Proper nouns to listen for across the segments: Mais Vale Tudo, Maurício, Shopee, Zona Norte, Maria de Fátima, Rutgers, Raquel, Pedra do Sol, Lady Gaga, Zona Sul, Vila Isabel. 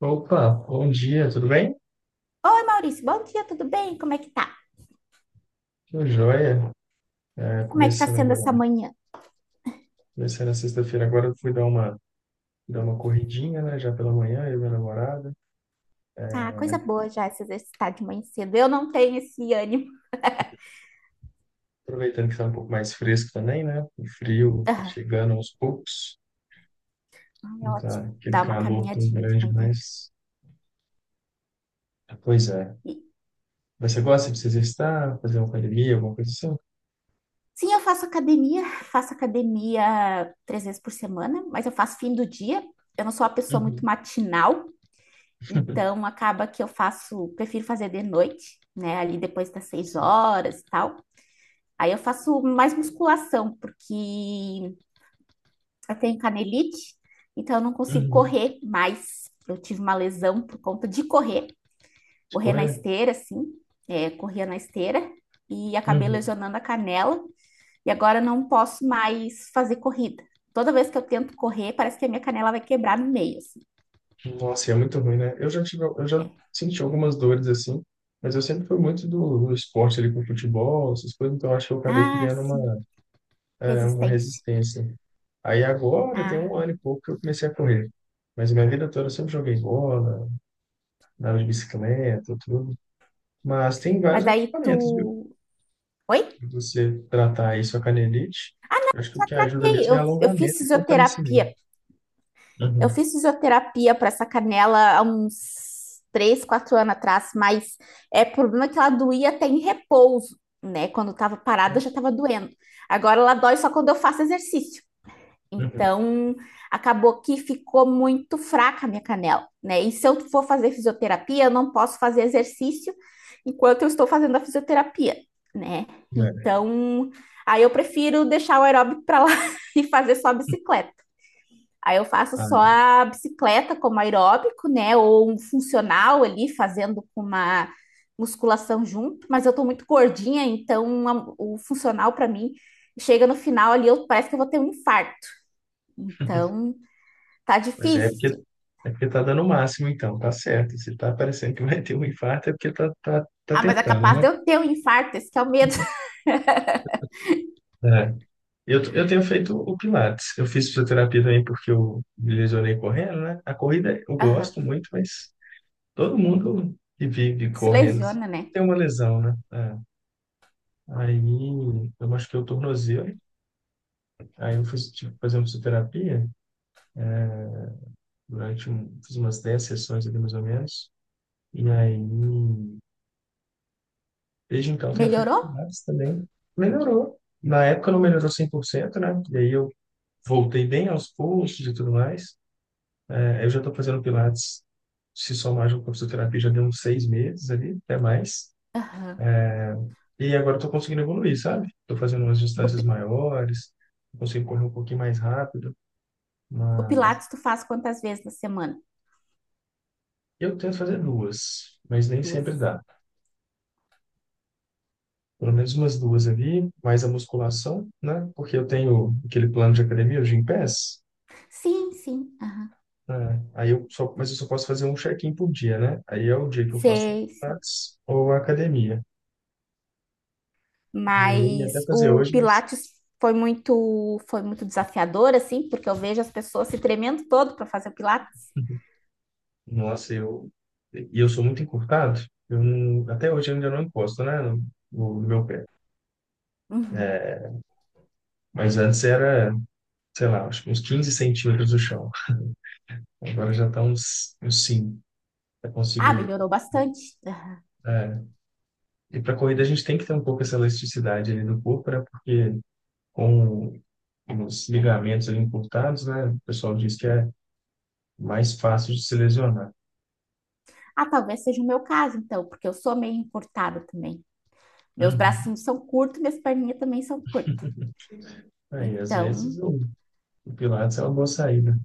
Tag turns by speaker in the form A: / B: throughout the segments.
A: Opa, bom dia, tudo bem?
B: Oi, Maurício, bom dia, tudo bem? Como é que tá?
A: Tô joia. É,
B: Como é que tá
A: começando
B: sendo essa
A: agora,
B: manhã?
A: começando na sexta-feira. Agora eu fui dar uma corridinha, né? Já pela manhã, eu e minha namorada.
B: Ah, coisa boa já se exercitar de manhã cedo. Eu não tenho esse ânimo.
A: Aproveitando que tá um pouco mais fresco também, né? O frio tá
B: Ah,
A: chegando aos poucos.
B: é
A: Não tá
B: ótimo
A: aquele
B: dar uma
A: calor tão
B: caminhadinha de
A: grande,
B: manhã.
A: mas. Pois é.
B: E-
A: Mas você gosta de se exercitar, fazer uma academia, alguma coisa assim?
B: sim, eu faço academia três vezes por semana, mas eu faço fim do dia. Eu não sou uma pessoa muito
A: Uhum.
B: matinal, então acaba que eu faço, prefiro fazer de noite, né? Ali depois das seis
A: Assim,
B: horas e tal. Aí eu faço mais musculação, porque eu tenho canelite, então eu não consigo
A: uhum.
B: correr mais. Eu tive uma lesão por conta de correr,
A: De
B: na
A: correr?
B: esteira, assim, corria na esteira e acabei lesionando a canela. E agora eu não posso mais fazer corrida. Toda vez que eu tento correr, parece que a minha canela vai quebrar no meio, assim.
A: Nossa, e é muito ruim, né? Eu já
B: É.
A: senti algumas dores assim, mas eu sempre fui muito do esporte ali com futebol, essas coisas, então eu acho que eu acabei
B: Ah,
A: criando uma,
B: sim,
A: é, uma
B: resistência.
A: resistência. Aí agora tem um
B: Ah,
A: ano e pouco que eu comecei a correr. Mas minha vida toda eu sempre joguei bola, andava de bicicleta, tudo. Mas tem vários
B: mas aí
A: alongamentos, viu?
B: tu. Oi?
A: Pra você tratar aí sua canelite, eu acho que o que ajuda
B: Ei,
A: mesmo é
B: eu fiz
A: alongamento e fortalecimento.
B: fisioterapia Eu
A: Uhum.
B: fiz fisioterapia para essa canela há uns 3, 4 anos atrás, mas o problema é que ela doía até em repouso, né? Quando eu tava parada, já
A: Nossa.
B: tava doendo. Agora ela dói só quando eu faço exercício.
A: Uhum.
B: Então, acabou que ficou muito fraca a minha canela, né? E se eu for fazer fisioterapia, eu não posso fazer exercício enquanto eu estou fazendo a fisioterapia, né?
A: É.
B: Então, aí eu prefiro deixar o aeróbico para lá e fazer só a bicicleta. Aí eu faço só a bicicleta como aeróbico, né? Ou um funcional ali, fazendo com uma musculação junto. Mas eu tô muito gordinha, então o funcional para mim chega no final ali, eu, parece que eu vou ter um infarto.
A: Ah,
B: Então tá
A: pois é, é
B: difícil,
A: porque,
B: sim.
A: é porque tá dando o máximo, então, tá certo. Se tá parecendo que vai ter um infarto, é porque tá
B: Ah, mas é
A: tentando,
B: capaz
A: né?
B: de eu ter um infarto, esse que é o medo.
A: É. Eu tenho feito o Pilates. Eu fiz fisioterapia também porque eu me lesionei correndo, né? A corrida eu
B: Aham.
A: gosto muito, mas todo mundo que vive
B: Se
A: correndo assim,
B: lesiona, né?
A: tem uma lesão, né? É. Aí eu machuquei o tornozelo. Aí eu fiz, tipo, fazer uma fisioterapia fiz umas 10 sessões ali mais ou menos. E aí, desde então tenho feito
B: Melhorou?
A: pilates também. Melhorou. Na época não melhorou 100%, né? E aí eu voltei bem aos poucos e tudo mais. É, eu já estou fazendo pilates, se somar junto com a fisioterapia, já deu uns 6 meses ali, até mais.
B: Aham.
A: E agora estou conseguindo evoluir, sabe? Estou fazendo umas
B: O,
A: distâncias
B: pi-
A: maiores, consigo correr um pouquinho mais rápido.
B: o
A: Mas
B: Pilates tu faz quantas vezes na semana?
A: eu tento fazer duas, mas nem sempre
B: Duas.
A: dá. Pelo menos umas duas ali, mais a musculação, né? Porque eu tenho aquele plano de academia, o Gympass.
B: Sim, sim. Aham.
A: É, aí mas eu só posso fazer um check-in por dia, né? Aí é o dia que eu faço
B: Sei, sei.
A: Pilates ou academia. E eu ia até
B: Mas
A: fazer
B: o
A: hoje, mas
B: Pilates foi muito desafiador, assim, porque eu vejo as pessoas se tremendo todo para fazer o Pilates.
A: nossa, eu sou muito encurtado. Eu não, Até hoje eu ainda não encosto, né, no meu pé.
B: Uhum.
A: É, mas antes era, sei lá, acho que uns 15 centímetros do chão. Agora já está uns cinco. Eu
B: Ah,
A: consigo.
B: melhorou bastante.
A: É. E para corrida a gente tem que ter um pouco essa elasticidade ali do corpo, né? Porque com os ligamentos ali encurtados, né? O pessoal diz que é mais fácil de se lesionar.
B: Ah, talvez seja o meu caso, então, porque eu sou meio encurtada também. Meus
A: Uhum.
B: bracinhos são curtos, minhas perninhas também são curtas.
A: Aí, às vezes,
B: Então,
A: o Pilates é uma boa saída.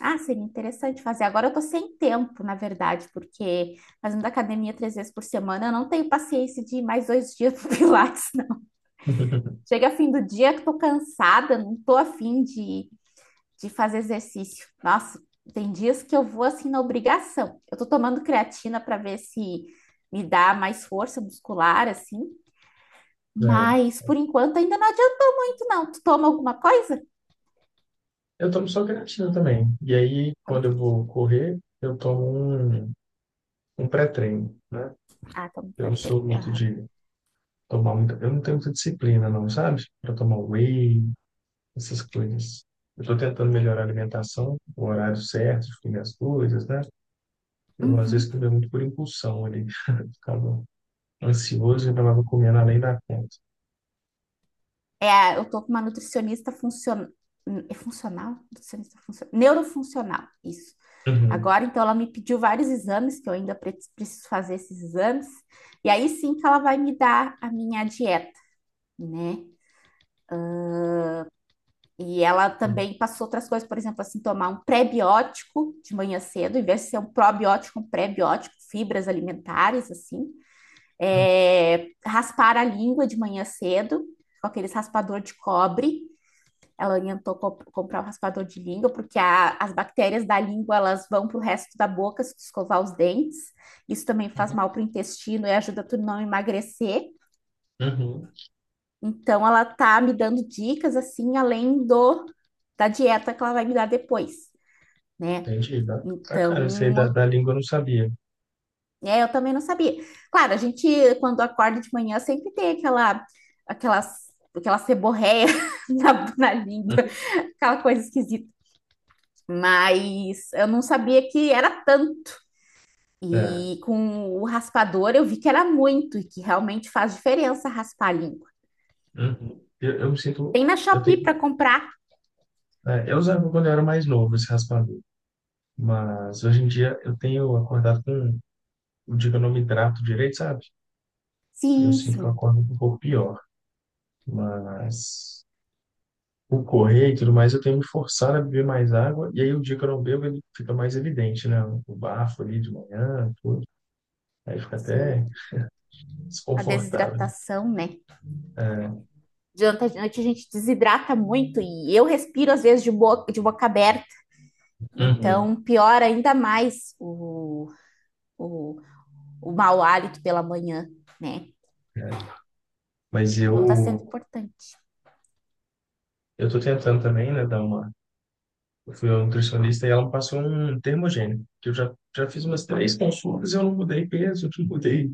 B: ah, seria interessante fazer. Agora eu tô sem tempo, na verdade, porque fazendo academia três vezes por semana, eu não tenho paciência de ir mais 2 dias pro Pilates. Não. Chega fim do dia que tô cansada, não tô afim de fazer exercício. Nossa, tem dias que eu vou assim na obrigação. Eu tô tomando creatina para ver se me dá mais força muscular, assim,
A: É.
B: mas por enquanto ainda não adiantou muito, não. Tu toma alguma coisa?
A: Eu tomo só creatina também. E aí,
B: Eu não
A: quando eu
B: quero-
A: vou correr, eu tomo um, um pré-treino, né?
B: Ah, tomo
A: Eu não
B: perfeito.
A: sou muito
B: Aham.
A: de tomar muita. Eu não tenho muita disciplina, não, sabe? Para tomar whey, essas coisas. Eu estou tentando melhorar a alimentação, o horário certo de comer as coisas, né? Eu, às
B: Uhum.
A: vezes, comia muito por impulsão ali. Ficava ansioso e acabava comendo além da conta.
B: É, eu tô com uma nutricionista funcional. É funcional? Nutricionista funcional. Neurofuncional, isso.
A: Uhum.
B: Agora, então, ela me pediu vários exames, que eu ainda preciso fazer esses exames, e aí sim que ela vai me dar a minha dieta, né? E ela também passou outras coisas, por exemplo, assim, tomar um prebiótico de manhã cedo, em vez de ser um probiótico, um prebiótico, fibras alimentares, assim. É, raspar a língua de manhã cedo, com aqueles raspador de cobre. Ela orientou comprar um raspador de língua, porque as bactérias da língua elas vão para o resto da boca se tu escovar os dentes. Isso também faz mal para o intestino e ajuda tu não emagrecer.
A: Uhum,
B: Então ela tá me dando dicas assim, além do da dieta que ela vai me dar depois, né?
A: entendi. Ba-
B: Então,
A: Bacana, isso aí da língua eu não sabia.
B: eu também não sabia. Claro, a gente quando acorda de manhã sempre tem aquela seborréia na língua,
A: Uhum.
B: aquela coisa esquisita. Mas eu não sabia que era tanto.
A: É,
B: E com o raspador eu vi que era muito e que realmente faz diferença raspar a língua.
A: uhum. Eu me sinto.
B: Tem na
A: Eu
B: Shopee para
A: tenho,
B: comprar?
A: eu usava quando eu era mais novo esse raspador, mas hoje em dia eu tenho acordado com. O dia que eu não me hidrato direito, sabe? Eu
B: Sim,
A: sinto que eu
B: sim,
A: acordo um pouco pior, mas o correr e tudo mais, eu tenho me forçado a beber mais água, e aí o dia que eu não bebo, ele fica mais evidente, né? O bafo ali de manhã, tudo. Aí fica até
B: sim. A
A: desconfortável, né?
B: desidratação, né?
A: É,
B: Durante a noite a gente desidrata muito e eu respiro às vezes de boca, aberta,
A: uhum.
B: então piora ainda mais o, o mau hálito pela manhã, né?
A: Mas
B: Então tá sendo
A: eu.
B: importante.
A: Eu tô tentando também, né, dar uma. Eu fui ao nutricionista e ela me passou um termogênico, que eu já fiz umas 3 consultas, e eu não mudei peso, não mudei,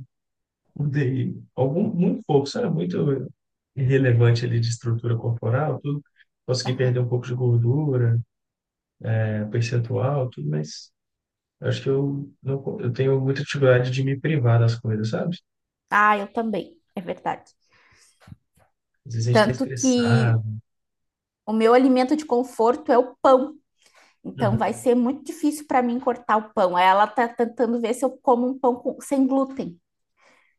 A: mudei algum, muito pouco, sabe? Muito irrelevante ali de estrutura corporal, tudo. Consegui
B: Aham.
A: perder um pouco de gordura, né, percentual, tudo, mas acho que eu, não, eu tenho muita dificuldade de me privar das coisas, sabe?
B: Ah, eu também, é verdade.
A: Às vezes a gente tá
B: Tanto que
A: estressado.
B: o meu alimento de conforto é o pão, então vai
A: Uhum.
B: ser muito difícil para mim cortar o pão. Ela tá tentando ver se eu como um sem glúten,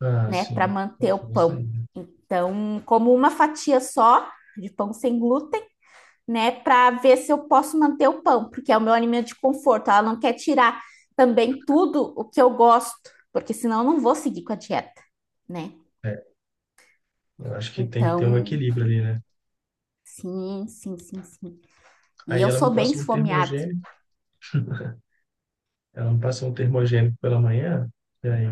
A: Ah,
B: né, para
A: sim.
B: manter
A: Pode
B: o
A: ser isso
B: pão.
A: aí, né?
B: Então, como uma fatia só de pão sem glúten, né, para ver se eu posso manter o pão, porque é o meu alimento de conforto. Ela não quer tirar também tudo o que eu gosto, porque senão eu não vou seguir com a dieta, né?
A: É, eu acho que tem que ter um
B: Então,
A: equilíbrio ali, né?
B: sim, sim, sim, sim. E
A: Aí
B: eu
A: ela
B: sou
A: me
B: bem
A: passa um
B: esfomeada.
A: termogênico, Ela me passou um termogênico pela manhã, e aí,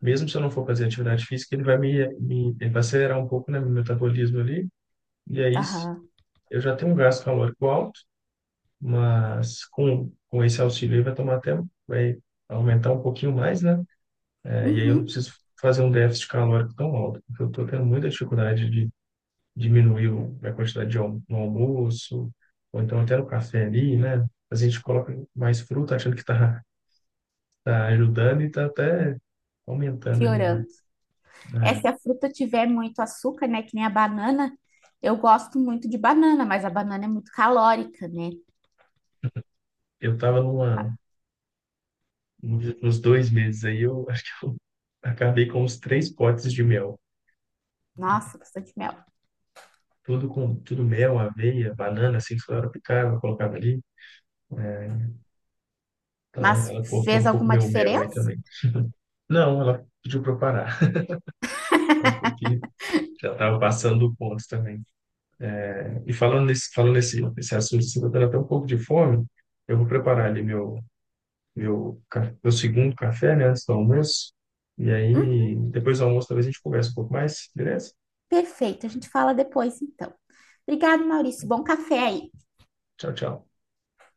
A: mesmo se eu não for fazer atividade física, ele vai acelerar um pouco, né, meu metabolismo ali, e aí
B: Aham.
A: eu já tenho um gasto calórico alto, mas com esse auxílio aí vai aumentar um pouquinho mais, né. É, e aí eu não
B: Uhum.
A: preciso fazer um déficit calórico tão alto, porque eu estou tendo muita dificuldade de diminuir a quantidade no almoço, ou então até no café ali, né, a gente coloca mais fruta achando que está tá ajudando e está até aumentando ali, né?
B: Piorando. É,
A: É,
B: se a fruta tiver muito açúcar, né, que nem a banana, eu gosto muito de banana, mas a banana é muito calórica, né?
A: eu tava numa, nos nos 2 meses aí, eu acho que eu acabei com uns 3 potes de mel.
B: Nossa, bastante mel.
A: Tudo com tudo mel, aveia, banana, assim, que ela picava, eu colocava ali. É, então
B: Mas
A: ela cortou
B: fez
A: um pouco
B: alguma
A: meu mel aí
B: diferença?
A: também. Não, ela pediu para eu parar. Ela falou que já estava passando o ponto também. É, e nesse assunto, assim, eu tô tendo até um pouco de fome. Eu vou preparar ali meu segundo café, né, antes do almoço. E
B: Hum,
A: aí, depois do almoço, talvez a gente converse um pouco mais, beleza?
B: perfeito, a gente fala depois então. Obrigada, Maurício. Bom café aí.
A: Tchau, tchau.